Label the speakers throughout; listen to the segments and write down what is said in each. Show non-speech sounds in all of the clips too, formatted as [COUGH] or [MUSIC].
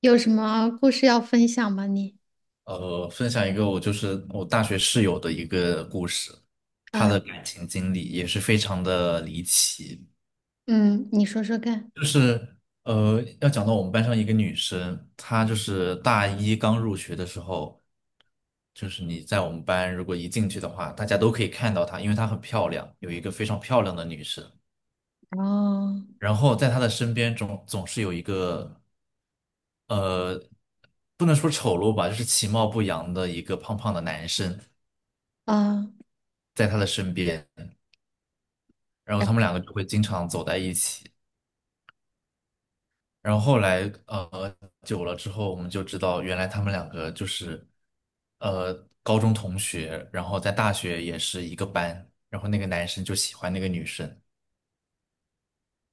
Speaker 1: 有什么故事要分享吗？你，
Speaker 2: 分享一个我就是我大学室友的一个故事，她的
Speaker 1: 嗯
Speaker 2: 感情经历也是非常的离奇。
Speaker 1: 嗯，你说说看。
Speaker 2: 就是要讲到我们班上一个女生，她就是大一刚入学的时候，就是你在我们班如果一进去的话，大家都可以看到她，因为她很漂亮，有一个非常漂亮的女生。
Speaker 1: 哦，
Speaker 2: 然后在她的身边总是有一个呃，不能说丑陋吧，就是其貌不扬的一个胖胖的男生
Speaker 1: 嗯，
Speaker 2: 在她的身边。然后他们
Speaker 1: 然
Speaker 2: 两个就会经常走在一起。然后后来呃久了之后，我们就知道原来他们两个就是呃高中同学，然后在大学也是一个班，然后那个男生就喜欢那个女生，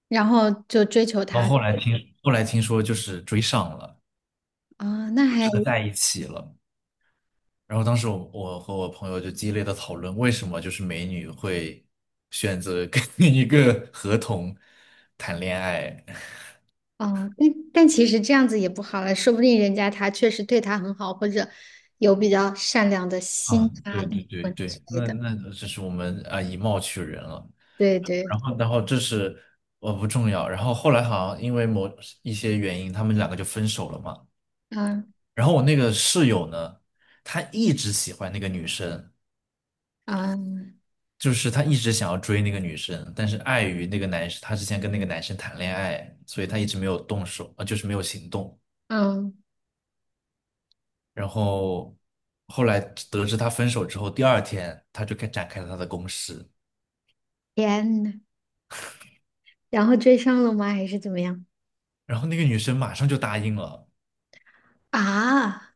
Speaker 1: 然后就追求
Speaker 2: 然后
Speaker 1: 他。
Speaker 2: 后来听说就是追上了，
Speaker 1: 啊，那
Speaker 2: 就
Speaker 1: 还
Speaker 2: 真的在一起了。然后当时我和我朋友就激烈的讨论，为什么就是美女会选择跟 [LAUGHS] 一个合同谈恋爱？
Speaker 1: 哦，但其实这样子也不好了，说不定人家他确实对他很好，或者有比较善良的心
Speaker 2: 啊，
Speaker 1: 啊、
Speaker 2: 对对
Speaker 1: 灵
Speaker 2: 对
Speaker 1: 魂之
Speaker 2: 对，
Speaker 1: 类
Speaker 2: 那
Speaker 1: 的。
Speaker 2: 那这是我们啊以貌取人了。
Speaker 1: 对对，
Speaker 2: 然后这是不重要。然后后来好像因为某一些原因，他们两个就分手了嘛。
Speaker 1: 嗯
Speaker 2: 然后我那个室友呢，他一直喜欢那个女生，
Speaker 1: 嗯
Speaker 2: 就是他一直想要追那个女生，但是碍于那个男生，他之前跟那个男生谈恋爱，所以他一直没有动手，啊，就是没有行动。
Speaker 1: 嗯，
Speaker 2: 然后后来得知他分手之后，第二天他就开展开了他的攻势，
Speaker 1: 天呐，然后追上了吗？还是怎么样？
Speaker 2: 然后那个女生马上就答应了。
Speaker 1: 啊，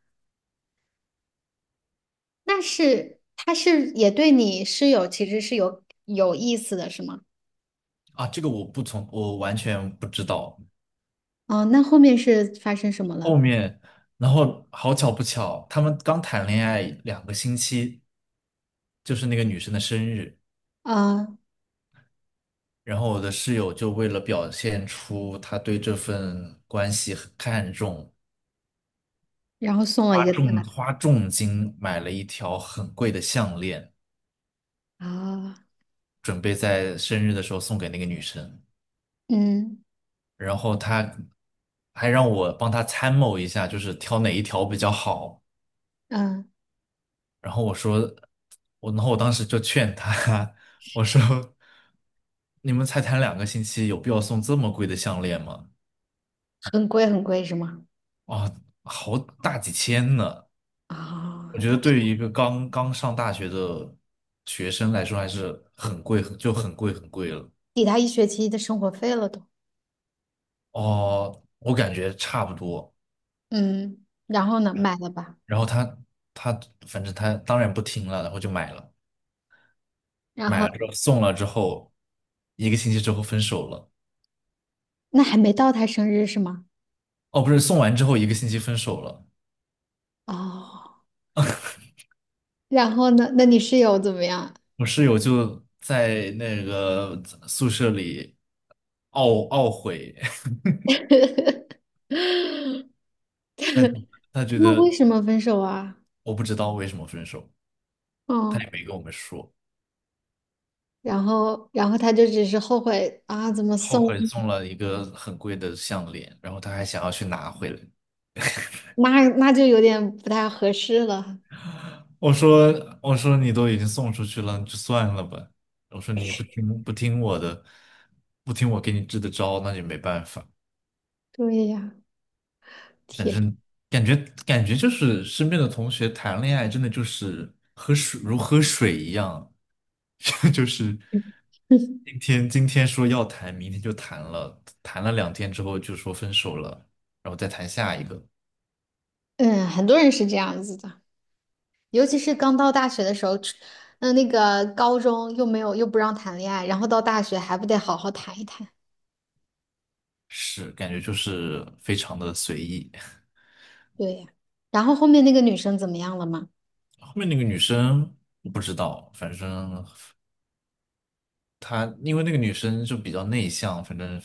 Speaker 1: 那是他是也对你是其实是有意思的，是吗？
Speaker 2: 啊，这个我不从，我完全不知道。
Speaker 1: 哦，那后面是发生什么
Speaker 2: 后
Speaker 1: 了？
Speaker 2: 面，然后好巧不巧，他们刚谈恋爱两个星期，就是那个女生的生日，
Speaker 1: 啊，
Speaker 2: 然后我的室友就为了表现出他对这份关系很看重，
Speaker 1: 然后送了一个大
Speaker 2: 花重金买了一条很贵的项链，
Speaker 1: 的啊，
Speaker 2: 准备在生日的时候送给那个女生。
Speaker 1: 嗯
Speaker 2: 然后他还让我帮他参谋一下，就是挑哪一条比较好。
Speaker 1: 嗯，
Speaker 2: 然后我说，然后我当时就劝他，[LAUGHS] 我说，你们才谈两个星期，有必要送这么贵的项链吗？
Speaker 1: 很贵很贵是吗？
Speaker 2: 啊，好大几千呢！
Speaker 1: 啊，
Speaker 2: 我觉得对于一个刚刚上大学的学生来说，还是很贵，很贵了。
Speaker 1: 抵他一学期的生活费了都。
Speaker 2: 哦，我感觉差不多。
Speaker 1: 嗯，然后呢，买了吧？
Speaker 2: 然后他反正他当然不听了，然后就买了，
Speaker 1: 然
Speaker 2: 买
Speaker 1: 后
Speaker 2: 了之后送了之后，一个星期之后分手了。
Speaker 1: 那还没到他生日是吗？
Speaker 2: 哦，不是，送完之后一个星期分手了。
Speaker 1: 哦，然后呢？那你室友怎么样？
Speaker 2: 我室友就在那个宿舍里懊悔，[LAUGHS] 他他
Speaker 1: 他
Speaker 2: 觉
Speaker 1: 们为
Speaker 2: 得
Speaker 1: 什么分手啊？
Speaker 2: 我不知道为什么分手，他
Speaker 1: 哦，
Speaker 2: 也没跟我们说，
Speaker 1: 然后他就只是后悔啊，怎么
Speaker 2: 后
Speaker 1: 送？
Speaker 2: 悔送了一个很贵的项链，然后他还想要去拿回来。
Speaker 1: 那就有点不太合适了。
Speaker 2: 我说你都已经送出去了，你就算了吧。我说你不听我的，不听我给你支的招，那也没办法。
Speaker 1: 对呀，天。
Speaker 2: 嗯，感觉感觉就是身边的同学谈恋爱，真的就是喝水一样，[LAUGHS] 就是
Speaker 1: [LAUGHS]
Speaker 2: 今天说要谈，明天就谈了，谈了两天之后就说分手了，然后再谈下一个，
Speaker 1: 嗯，很多人是这样子的，尤其是刚到大学的时候，出嗯，那个高中又没有又不让谈恋爱，然后到大学还不得好好谈一谈？
Speaker 2: 是感觉就是非常的随意。
Speaker 1: 对呀。然后后面那个女生怎么样了吗？
Speaker 2: 后面那个女生我不知道，反正她因为那个女生就比较内向，反正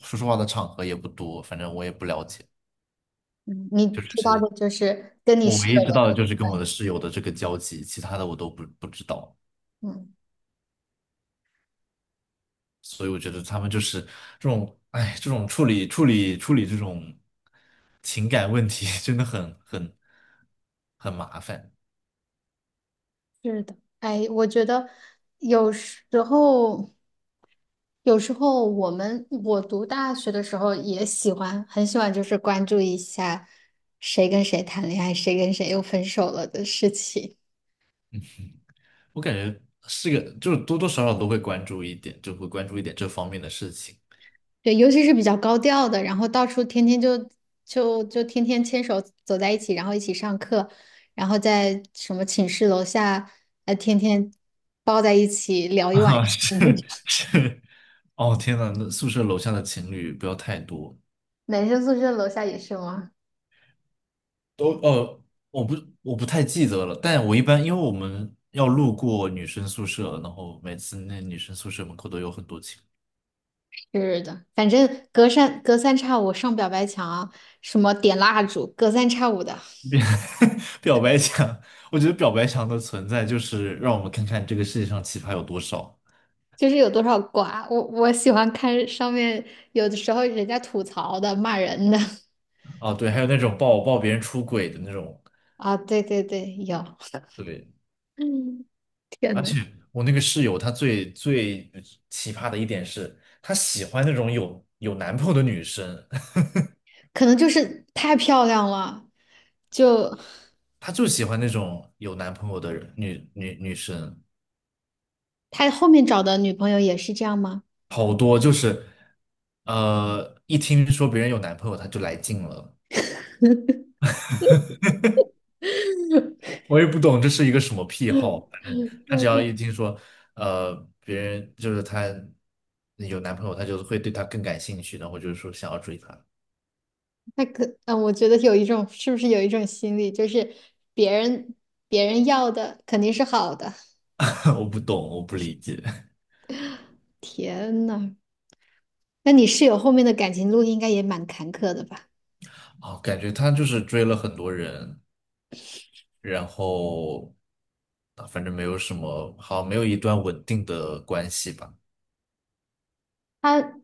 Speaker 2: 说实话的场合也不多，反正我也不了解。
Speaker 1: 嗯，你知道的就是跟你
Speaker 2: 我
Speaker 1: 室
Speaker 2: 唯
Speaker 1: 友
Speaker 2: 一知道的
Speaker 1: 的
Speaker 2: 就是跟我的室友的这个交集，其他的我都不知道，
Speaker 1: 那嗯，
Speaker 2: 所以我觉得他们就是这种，哎，这种处理这种情感问题，[LAUGHS] 真的很很麻烦。
Speaker 1: 是的。哎，我觉得有时候，有时候我读大学的时候也喜欢，很喜欢，就是关注一下谁跟谁谈恋爱，谁跟谁又分手了的事情。
Speaker 2: 我感觉是个，就是多多少少都会关注一点，就会关注一点这方面的事情。
Speaker 1: 对，尤其是比较高调的，然后到处天天就天天牵手走在一起，然后一起上课，然后在什么寝室楼下，天天抱在一起
Speaker 2: [LAUGHS]
Speaker 1: 聊一晚上。
Speaker 2: 啊，是
Speaker 1: [LAUGHS]
Speaker 2: 是，哦天呐，那宿舍楼下的情侣不要太多。
Speaker 1: 男生宿舍楼下也是吗？
Speaker 2: 都我不我不太记得了，但我一般因为我们要路过女生宿舍，然后每次那女生宿舍门口都有很多情
Speaker 1: 是的，反正隔三差五上表白墙啊什么点蜡烛，隔三差五的，
Speaker 2: 侣[LAUGHS] 表白墙，我觉得表白墙的存在就是让我们看看这个世界上奇葩有多少
Speaker 1: 就是有多少瓜。我喜欢看上面有的时候人家吐槽的、骂人的
Speaker 2: 啊，对，还有那种抱别人出轨的那种，
Speaker 1: [LAUGHS] 啊，对，有。[LAUGHS]
Speaker 2: 对，
Speaker 1: 嗯，天
Speaker 2: 而
Speaker 1: 呐。
Speaker 2: 且我那个室友她最奇葩的一点是，她喜欢那种有男朋友的女生，
Speaker 1: 可能就是太漂亮了，就
Speaker 2: [LAUGHS] 她就喜欢那种有男朋友的人女女女生。
Speaker 1: 他后面找的女朋友也是这样吗？
Speaker 2: 好多就是，一听说别人有男朋友，他就来劲了。我也不懂这是一个什么癖好，反正
Speaker 1: [LAUGHS]
Speaker 2: 他
Speaker 1: 我
Speaker 2: 只要
Speaker 1: 对
Speaker 2: 一听说，呃，别人就是他有男朋友，他就会对他更感兴趣，然后就是说想要追他。
Speaker 1: 他 [LAUGHS] 可，嗯，我觉得有一种，是不是有一种心理，就是别人别人要的肯定是好的。
Speaker 2: [LAUGHS] 我不懂，我不理解。
Speaker 1: 天呐，那你室友后面的感情路应该也蛮坎坷的吧？
Speaker 2: 哦，感觉他就是追了很多人，然后啊，反正没有什么好，没有一段稳定的关系吧。
Speaker 1: 他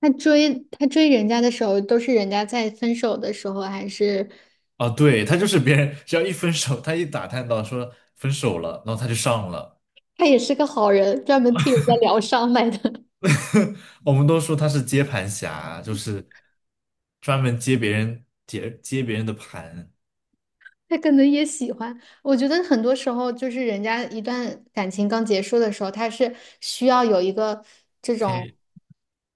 Speaker 1: 他追人家的时候，都是人家在分手的时候，还是
Speaker 2: 啊，对，他就是别人，只要一分手，他一打探到说分手了，然后他就上了。
Speaker 1: 他也是个好人，专门替人家疗伤来的？
Speaker 2: [LAUGHS] 我们都说他是接盘侠，就是专门接别人接别人的盘，
Speaker 1: 他可能也喜欢。我觉得很多时候，就是人家一段感情刚结束的时候，他是需要有一个这
Speaker 2: 可
Speaker 1: 种，
Speaker 2: 以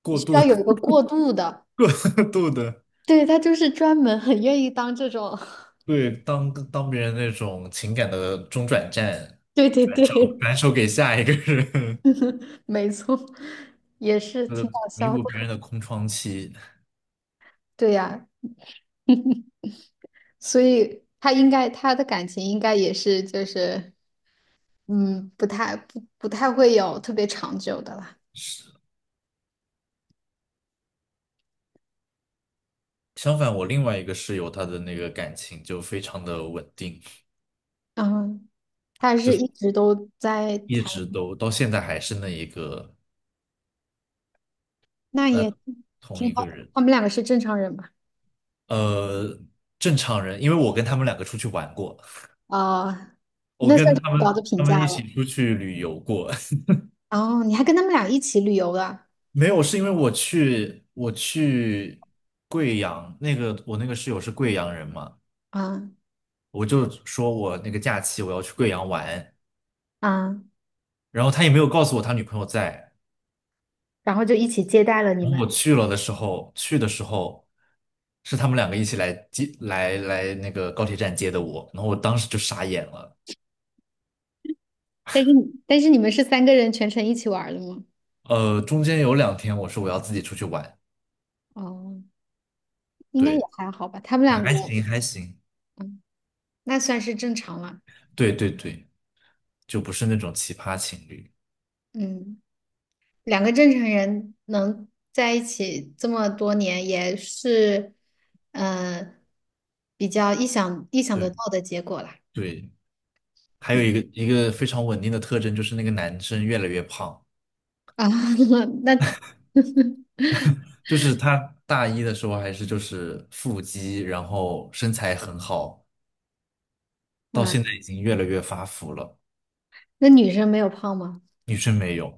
Speaker 2: 过
Speaker 1: 需
Speaker 2: 度
Speaker 1: 要有一个过渡的。
Speaker 2: [LAUGHS] 度的，
Speaker 1: 对，他就是专门很愿意当这种，
Speaker 2: 对，当别人那种情感的中转站，
Speaker 1: [LAUGHS] 对对对，
Speaker 2: 转手给下一个人，
Speaker 1: [LAUGHS] 没错，也
Speaker 2: [LAUGHS]
Speaker 1: 是
Speaker 2: 呃，
Speaker 1: 挺搞
Speaker 2: 弥
Speaker 1: 笑
Speaker 2: 补
Speaker 1: 的。
Speaker 2: 别人的空窗期。
Speaker 1: 对呀，所以他应该他的感情应该也是就是，嗯，不太会有特别长久的啦。
Speaker 2: 相反，我另外一个室友，他的那个感情就非常的稳定，
Speaker 1: 嗯，他是一直都在
Speaker 2: 一
Speaker 1: 谈。
Speaker 2: 直都到现在还是那一个。
Speaker 1: 那
Speaker 2: 那
Speaker 1: 也
Speaker 2: 同
Speaker 1: 挺
Speaker 2: 一
Speaker 1: 好
Speaker 2: 个
Speaker 1: 的，
Speaker 2: 人，
Speaker 1: 他们两个是正常人吧？
Speaker 2: 呃，正常人，因为我跟他们两个出去玩过，
Speaker 1: 啊，
Speaker 2: 我
Speaker 1: 那算
Speaker 2: 跟
Speaker 1: 是很高的评
Speaker 2: 他们
Speaker 1: 价
Speaker 2: 一
Speaker 1: 了。
Speaker 2: 起出去旅游过，
Speaker 1: 哦，你还跟他们俩一起旅游了，
Speaker 2: [LAUGHS] 没有，是因为我去贵阳，那个我那个室友是贵阳人嘛，
Speaker 1: 啊
Speaker 2: 我就说我那个假期我要去贵阳玩，
Speaker 1: 啊，
Speaker 2: 然后他也没有告诉我他女朋友在，
Speaker 1: 然后就一起接待了你
Speaker 2: 然后
Speaker 1: 们。
Speaker 2: 我去了的时候，去的时候是他们两个一起来接那个高铁站接的我，然后我当时就傻眼了。
Speaker 1: 但是你们是三个人全程一起玩儿的吗？
Speaker 2: 呃，中间有两天我说我要自己出去玩，
Speaker 1: 哦，应该也
Speaker 2: 对
Speaker 1: 还好吧，他们两个
Speaker 2: 还行，
Speaker 1: 那算是正常了。
Speaker 2: 对对对，就不是那种奇葩情侣，
Speaker 1: 嗯，两个正常人能在一起这么多年，也是，呃，比较意想得
Speaker 2: 对
Speaker 1: 到的结果啦。
Speaker 2: 对，还有
Speaker 1: 嗯
Speaker 2: 一个非常稳定的特征就是那个男生越来越胖，
Speaker 1: 啊，[LAUGHS] 那 [LAUGHS]
Speaker 2: 就是他大一的时候就是腹肌，然后身材很好，到
Speaker 1: 啊，
Speaker 2: 现在已经越来越发福了，
Speaker 1: 那女生没有胖吗？
Speaker 2: 女生没有，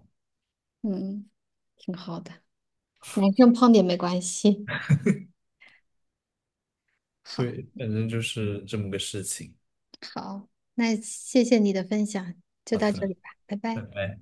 Speaker 1: 嗯，挺好的，男生胖点没关系。好，
Speaker 2: 对，反正就是这么个事情。
Speaker 1: 好，那谢谢你的分享，就
Speaker 2: 好
Speaker 1: 到这
Speaker 2: 的，
Speaker 1: 里吧，拜
Speaker 2: 拜
Speaker 1: 拜。
Speaker 2: 拜。